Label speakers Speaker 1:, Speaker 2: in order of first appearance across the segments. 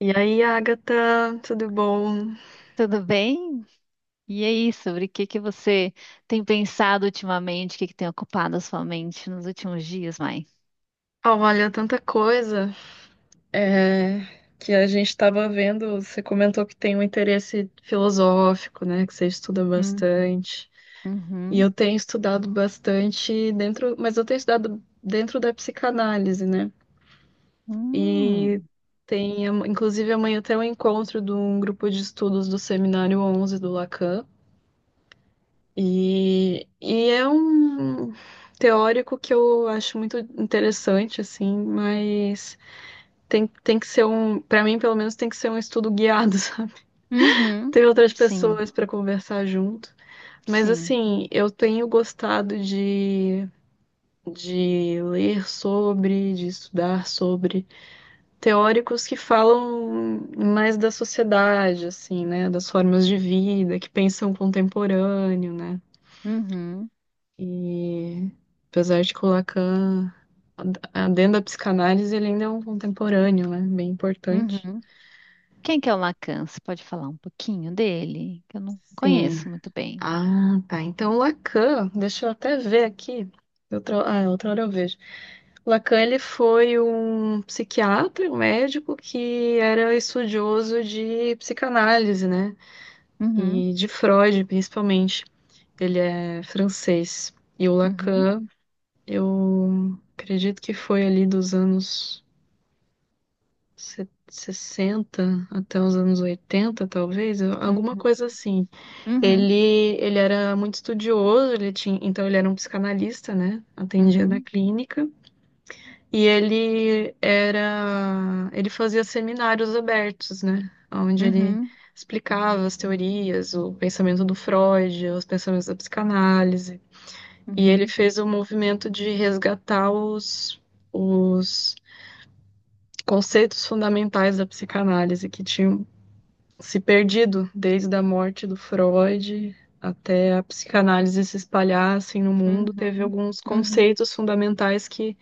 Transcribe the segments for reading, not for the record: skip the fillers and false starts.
Speaker 1: E aí, Agatha, tudo bom?
Speaker 2: Tudo bem? E aí, sobre o que que você tem pensado ultimamente? O que que tem ocupado a sua mente nos últimos dias, Mai?
Speaker 1: Ah, olha, tanta coisa é, que a gente estava vendo. Você comentou que tem um interesse filosófico, né? Que você estuda
Speaker 2: Uhum.
Speaker 1: bastante. E
Speaker 2: Uhum.
Speaker 1: eu tenho estudado bastante dentro, mas eu tenho estudado dentro da psicanálise, né?
Speaker 2: Hum.
Speaker 1: E inclusive, amanhã tem um encontro de um grupo de estudos do Seminário 11 do Lacan. E é um teórico que eu acho muito interessante, assim, mas tem que ser um, para mim, pelo menos, tem que ser um estudo guiado, sabe?
Speaker 2: Uhum.
Speaker 1: Ter outras
Speaker 2: Sim,
Speaker 1: pessoas para conversar junto. Mas,
Speaker 2: sim.
Speaker 1: assim, eu tenho gostado de ler sobre, de estudar sobre teóricos que falam mais da sociedade, assim, né? Das formas de vida, que pensam contemporâneo, né?
Speaker 2: Uhum.
Speaker 1: E apesar de que o Lacan, dentro da psicanálise, ele ainda é um contemporâneo, né? Bem importante.
Speaker 2: Uhum. Quem que é o Lacan? Você pode falar um pouquinho dele? Que eu não
Speaker 1: Sim.
Speaker 2: conheço muito bem.
Speaker 1: Ah, tá. Então, o Lacan, deixa eu até ver aqui. Outra hora eu vejo. O Lacan, ele foi um psiquiatra, um médico que era estudioso de psicanálise, né?
Speaker 2: Uhum.
Speaker 1: E de Freud, principalmente. Ele é francês. E o
Speaker 2: Uhum.
Speaker 1: Lacan, eu acredito que foi ali dos anos se- 60 até os anos 80 talvez, alguma
Speaker 2: Uhum.
Speaker 1: coisa assim.
Speaker 2: Uhum.
Speaker 1: Ele era muito estudioso, ele tinha, então ele era um psicanalista, né? Atendia na
Speaker 2: Uhum.
Speaker 1: clínica. Ele fazia seminários abertos, né? Onde ele
Speaker 2: Uhum.
Speaker 1: explicava as teorias, o pensamento do Freud, os pensamentos da psicanálise. E ele
Speaker 2: Uhum.
Speaker 1: fez o movimento de resgatar os conceitos fundamentais da psicanálise que tinham se perdido, desde a morte do Freud até a psicanálise se espalhar assim, no mundo, teve
Speaker 2: Uhum.
Speaker 1: alguns
Speaker 2: Uhum.
Speaker 1: conceitos fundamentais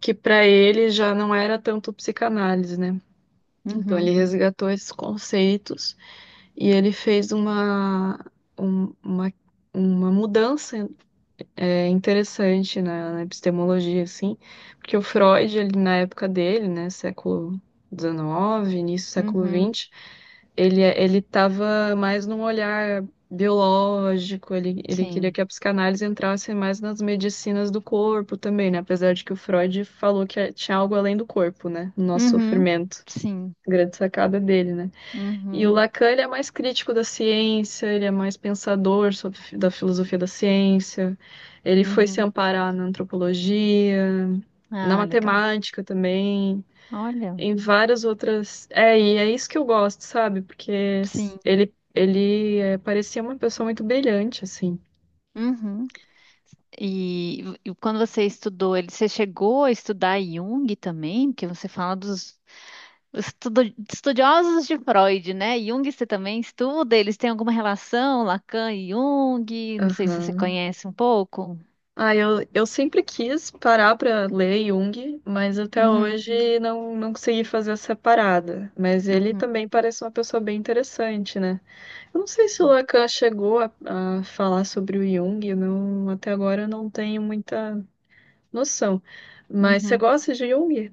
Speaker 1: que para ele já não era tanto psicanálise, né? Então ele
Speaker 2: Uhum.
Speaker 1: resgatou esses conceitos e ele fez um- uma, uma mudança é interessante na epistemologia, assim, porque o Freud, ele, na época dele, né, século XIX, início do século
Speaker 2: Uhum.
Speaker 1: XX, ele estava mais num olhar biológico, ele queria
Speaker 2: Sim.
Speaker 1: que a psicanálise entrasse mais nas medicinas do corpo também, né, apesar de que o Freud falou que tinha algo além do corpo, né, no nosso
Speaker 2: Uhum.
Speaker 1: sofrimento.
Speaker 2: Sim.
Speaker 1: Grande sacada dele, né? E o
Speaker 2: Uhum,
Speaker 1: Lacan, ele é mais crítico da ciência, ele é mais pensador sobre, da filosofia da ciência. Ele foi se
Speaker 2: uhum.
Speaker 1: amparar na antropologia, na
Speaker 2: Ah, legal.
Speaker 1: matemática também,
Speaker 2: Olha,
Speaker 1: em várias outras. É, e é isso que eu gosto, sabe? Porque
Speaker 2: sim.
Speaker 1: ele é, parecia uma pessoa muito brilhante, assim.
Speaker 2: Uhum. E quando você estudou ele, você chegou a estudar Jung também? Porque você fala dos estudo- estudiosos de Freud, né? Jung você também estuda? Eles têm alguma relação, Lacan e Jung? Não sei se você
Speaker 1: Aham.
Speaker 2: conhece um pouco.
Speaker 1: Ah, eu sempre quis parar pra ler Jung, mas até
Speaker 2: Uhum,
Speaker 1: hoje não consegui fazer essa parada. Mas ele
Speaker 2: uhum.
Speaker 1: também parece uma pessoa bem interessante, né? Eu não sei se o
Speaker 2: Sim.
Speaker 1: Lacan chegou a falar sobre o Jung, eu não, até agora eu não tenho muita noção. Mas você
Speaker 2: Uhum.
Speaker 1: gosta de Jung?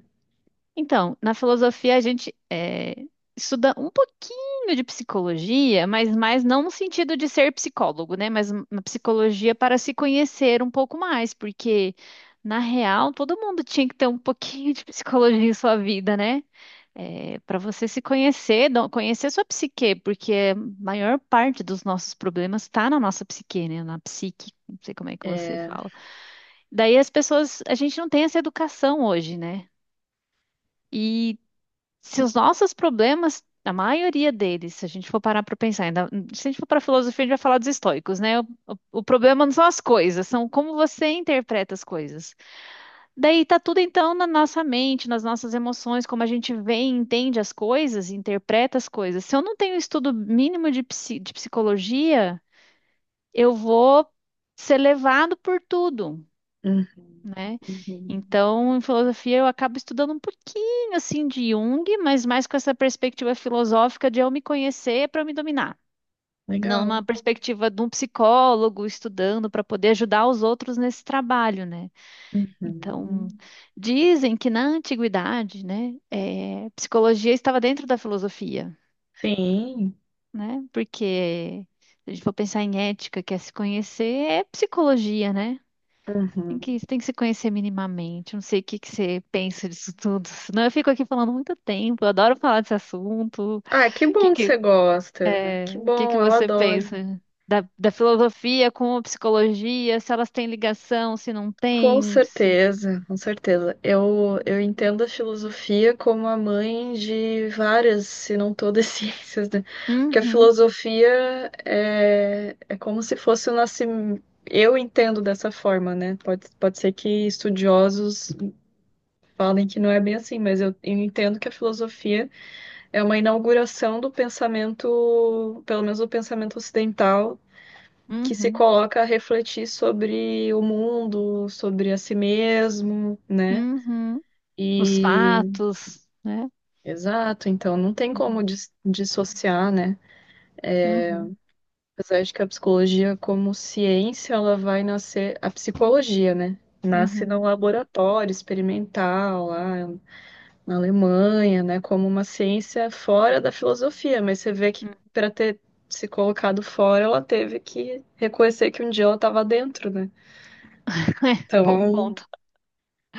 Speaker 2: Então, na filosofia estuda um pouquinho de psicologia, mas mais não no sentido de ser psicólogo, né? Mas uma psicologia para se conhecer um pouco mais, porque na real todo mundo tinha que ter um pouquinho de psicologia em sua vida, né? Para você se conhecer, conhecer sua psique, porque a maior parte dos nossos problemas está na nossa psique, né? Na psique, não sei como é que você
Speaker 1: É.
Speaker 2: fala. Daí as pessoas, a gente não tem essa educação hoje, né? E se os nossos problemas, a maioria deles, se a gente for parar para pensar, se a gente for para filosofia, a gente vai falar dos estoicos, né? O problema não são as coisas, são como você interpreta as coisas. Daí tá tudo então na nossa mente, nas nossas emoções, como a gente vê e entende as coisas, interpreta as coisas. Se eu não tenho estudo mínimo de, de psicologia, eu vou ser levado por tudo,
Speaker 1: Uhum,
Speaker 2: né?
Speaker 1: uhum.
Speaker 2: Então, em filosofia, eu acabo estudando um pouquinho assim de Jung, mas mais com essa perspectiva filosófica de eu me conhecer para eu me dominar. Não uma
Speaker 1: Legal.
Speaker 2: perspectiva de um psicólogo estudando para poder ajudar os outros nesse trabalho, né? Então,
Speaker 1: Uhum.
Speaker 2: dizem que na antiguidade, né, psicologia estava dentro da filosofia,
Speaker 1: Sim.
Speaker 2: né? Porque se a gente for pensar em ética, que é se conhecer, é psicologia, né?
Speaker 1: Uhum.
Speaker 2: Tem que se conhecer minimamente. Não sei o que que você pensa disso tudo. Senão eu fico aqui falando muito tempo. Eu adoro falar desse assunto.
Speaker 1: Ah, que
Speaker 2: Que
Speaker 1: bom que você
Speaker 2: que,
Speaker 1: gosta. Que
Speaker 2: o que que
Speaker 1: bom, eu
Speaker 2: você
Speaker 1: adoro.
Speaker 2: pensa da filosofia com a psicologia? Se elas têm ligação, se não
Speaker 1: Com
Speaker 2: têm.
Speaker 1: certeza, com certeza. Eu entendo a filosofia como a mãe de várias, se não todas, ciências, né? Porque a
Speaker 2: Uhum,
Speaker 1: filosofia é, é como se fosse o nascimento. Eu entendo dessa forma, né? Pode, pode ser que estudiosos falem que não é bem assim, mas eu entendo que a filosofia é uma inauguração do pensamento, pelo menos do pensamento ocidental que se
Speaker 2: uhum,
Speaker 1: coloca a refletir sobre o mundo, sobre a si mesmo, né?
Speaker 2: uhum. Os
Speaker 1: E
Speaker 2: fatos, né?
Speaker 1: exato, então não tem como
Speaker 2: Uhum,
Speaker 1: dis- dissociar, né?
Speaker 2: uhum,
Speaker 1: Apesar de que a psicologia como ciência, ela vai nascer, a psicologia, né? Nasce
Speaker 2: uhum.
Speaker 1: num laboratório experimental lá na Alemanha, né? Como uma ciência fora da filosofia, mas você vê que para ter se colocado fora, ela teve que reconhecer que um dia ela estava dentro, né?
Speaker 2: Bom
Speaker 1: Então,
Speaker 2: ponto.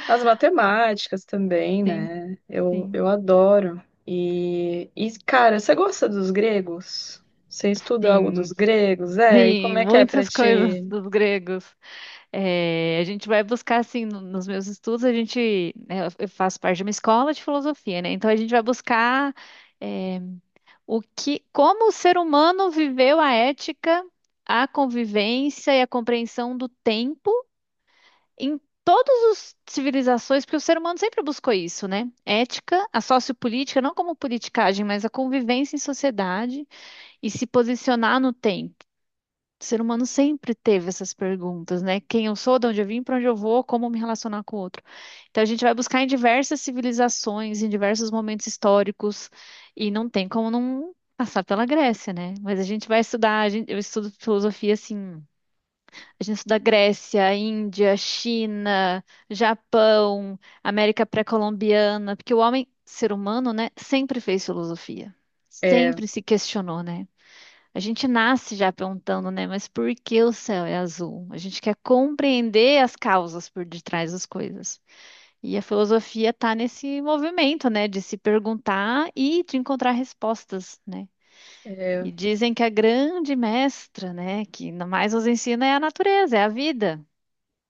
Speaker 1: As matemáticas também,
Speaker 2: Sim,
Speaker 1: né?
Speaker 2: sim,
Speaker 1: Eu adoro. E, cara, você gosta dos gregos? Você estuda algo dos
Speaker 2: sim,
Speaker 1: gregos? É, e como
Speaker 2: sim.
Speaker 1: é que é pra
Speaker 2: Muitas coisas
Speaker 1: ti?
Speaker 2: dos gregos. É, a gente vai buscar, assim, nos meus estudos, a gente, né, eu faço parte de uma escola de filosofia, né? Então a gente vai buscar, é, o que, como o ser humano viveu a ética, a convivência e a compreensão do tempo em todas as civilizações, porque o ser humano sempre buscou isso, né? Ética, a sociopolítica, não como politicagem, mas a convivência em sociedade e se posicionar no tempo. O ser humano sempre teve essas perguntas, né? Quem eu sou, de onde eu vim, para onde eu vou, como me relacionar com o outro. Então a gente vai buscar em diversas civilizações, em diversos momentos históricos, e não tem como não passar pela Grécia, né? Mas a gente vai estudar, eu estudo filosofia assim, a gente estuda Grécia, Índia, China, Japão, América pré-colombiana, porque o homem, ser humano, né, sempre fez filosofia,
Speaker 1: É,
Speaker 2: sempre se questionou, né? A gente nasce já perguntando, né? Mas por que o céu é azul? A gente quer compreender as causas por detrás das coisas. E a filosofia está nesse movimento, né? De se perguntar e de encontrar respostas, né?
Speaker 1: é...
Speaker 2: E dizem que a grande mestra, né? Que mais nos ensina é a natureza, é a vida.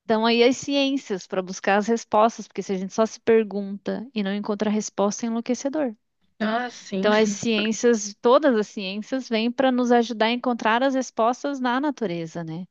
Speaker 2: Então aí as ciências para buscar as respostas, porque se a gente só se pergunta e não encontra resposta, é enlouquecedor.
Speaker 1: Ah, sim.
Speaker 2: Então, as ciências, todas as ciências, vêm para nos ajudar a encontrar as respostas na natureza, né?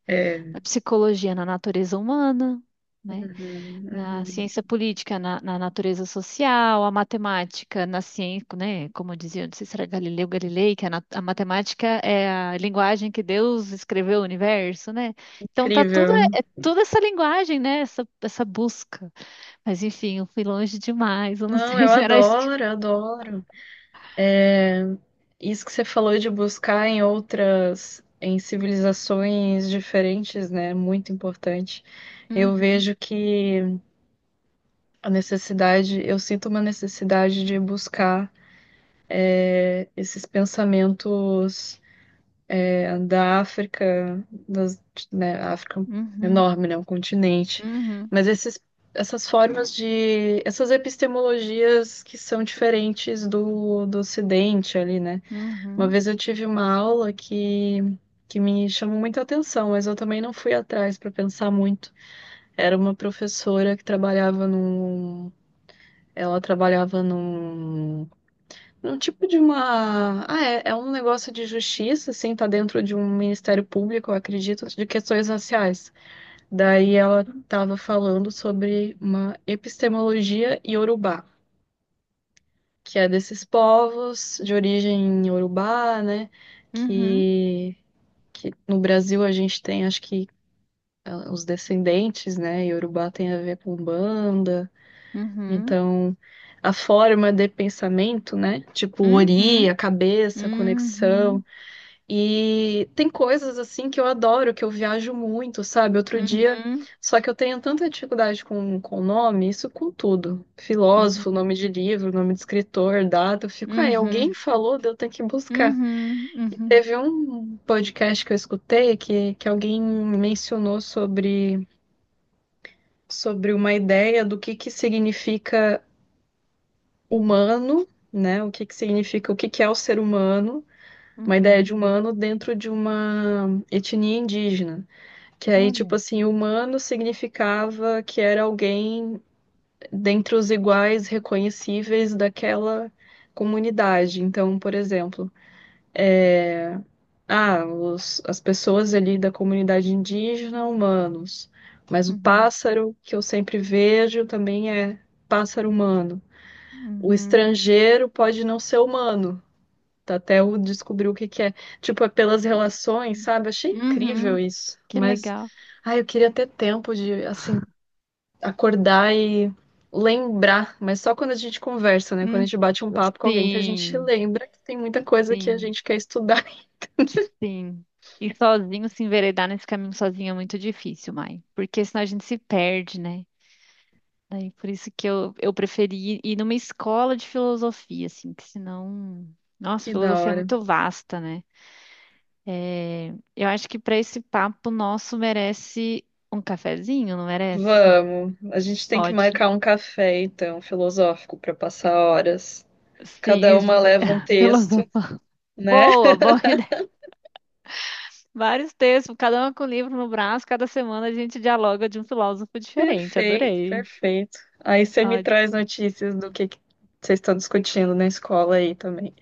Speaker 2: Na
Speaker 1: É.
Speaker 2: psicologia, na natureza humana, né?
Speaker 1: Uhum,
Speaker 2: Na
Speaker 1: uhum.
Speaker 2: ciência política, na natureza social, a matemática, na ciência, né? Como dizia, não sei se era Galileu Galilei, que a, a matemática é a linguagem que Deus escreveu o universo, né? Então, tá tudo,
Speaker 1: Incrível.
Speaker 2: é, é toda essa linguagem, né? Essa busca. Mas, enfim, eu fui longe demais, eu não
Speaker 1: Não,
Speaker 2: sei
Speaker 1: eu
Speaker 2: se era isso que...
Speaker 1: adoro, eu adoro. Isso que você falou de buscar em outras, em civilizações diferentes, né? Muito importante. Eu
Speaker 2: Uhum,
Speaker 1: vejo que a necessidade, eu sinto uma necessidade de buscar esses pensamentos da África, né, a África é
Speaker 2: uhum,
Speaker 1: enorme, né, um continente,
Speaker 2: uhum.
Speaker 1: mas essas formas de, essas epistemologias que são diferentes do, do Ocidente ali, né? Uma
Speaker 2: Uhum,
Speaker 1: vez eu tive uma aula que me chamou muita atenção, mas eu também não fui atrás para pensar muito. Era uma professora que trabalhava num, ela trabalhava num um tipo de uma. Ah, é, é um negócio de justiça, assim, tá dentro de um ministério público, eu acredito, de questões raciais. Daí ela tava falando sobre uma epistemologia iorubá, que é desses povos de origem iorubá, né?
Speaker 2: uhum,
Speaker 1: Que, que no Brasil a gente tem, acho que, ah, os descendentes, né? Iorubá tem a ver com banda.
Speaker 2: uhum,
Speaker 1: Então, a forma de pensamento, né? Tipo, ori,
Speaker 2: uhum,
Speaker 1: a cabeça, a conexão.
Speaker 2: uhum,
Speaker 1: E tem coisas assim que eu adoro, que eu viajo muito, sabe? Outro dia,
Speaker 2: uhum,
Speaker 1: só que eu tenho tanta dificuldade com nome, isso com tudo. Filósofo,
Speaker 2: uhum,
Speaker 1: nome de livro, nome de escritor, data, eu fico, ah, alguém
Speaker 2: uhum,
Speaker 1: falou, daí eu tenho que buscar.
Speaker 2: uhum,
Speaker 1: E
Speaker 2: uhum,
Speaker 1: teve um podcast que eu escutei que alguém mencionou sobre uma ideia do que significa humano, né? O que que significa, o que que é o ser humano, uma ideia de
Speaker 2: uhum.
Speaker 1: humano dentro de uma etnia indígena. Que aí,
Speaker 2: Olha,
Speaker 1: tipo assim, humano significava que era alguém dentre os iguais reconhecíveis daquela comunidade. Então, por exemplo, é, as pessoas ali da comunidade indígena, humanos. Mas o
Speaker 2: uhum,
Speaker 1: pássaro que eu sempre vejo também é pássaro humano. O
Speaker 2: uhum,
Speaker 1: estrangeiro pode não ser humano, tá? Até eu descobrir o que que é. Tipo, é pelas relações, sabe? Achei incrível
Speaker 2: uhum.
Speaker 1: isso.
Speaker 2: Que
Speaker 1: Mas,
Speaker 2: legal.
Speaker 1: ai, eu queria ter tempo de, assim, acordar e lembrar, mas só quando a gente conversa, né? Quando a
Speaker 2: Uhum.
Speaker 1: gente bate um papo com alguém que a gente
Speaker 2: Sim,
Speaker 1: lembra que tem muita coisa que a
Speaker 2: sim,
Speaker 1: gente quer estudar.
Speaker 2: sim. E sozinho se enveredar nesse caminho sozinho é muito difícil, mãe, porque senão a gente se perde, né? Daí por isso que eu preferi ir numa escola de filosofia, assim, que senão. Nossa,
Speaker 1: Que da
Speaker 2: filosofia é
Speaker 1: hora.
Speaker 2: muito vasta, né? Eu acho que para esse papo nosso merece um cafezinho, não merece?
Speaker 1: Vamos, a gente tem que
Speaker 2: Ótimo.
Speaker 1: marcar um café, então, filosófico, para passar horas. Cada
Speaker 2: Sim,
Speaker 1: uma leva um texto,
Speaker 2: filosofia.
Speaker 1: né?
Speaker 2: Boa, boa ideia. Vários textos, cada um com um livro no braço, cada semana a gente dialoga de um filósofo diferente.
Speaker 1: Perfeito,
Speaker 2: Adorei.
Speaker 1: perfeito. Aí você me
Speaker 2: Ótimo.
Speaker 1: traz notícias do que vocês estão discutindo na escola aí também.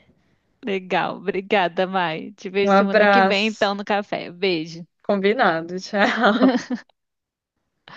Speaker 2: Legal. Obrigada, Mai. Te
Speaker 1: Um
Speaker 2: vejo semana que vem,
Speaker 1: abraço.
Speaker 2: então, no café. Beijo.
Speaker 1: Combinado, tchau.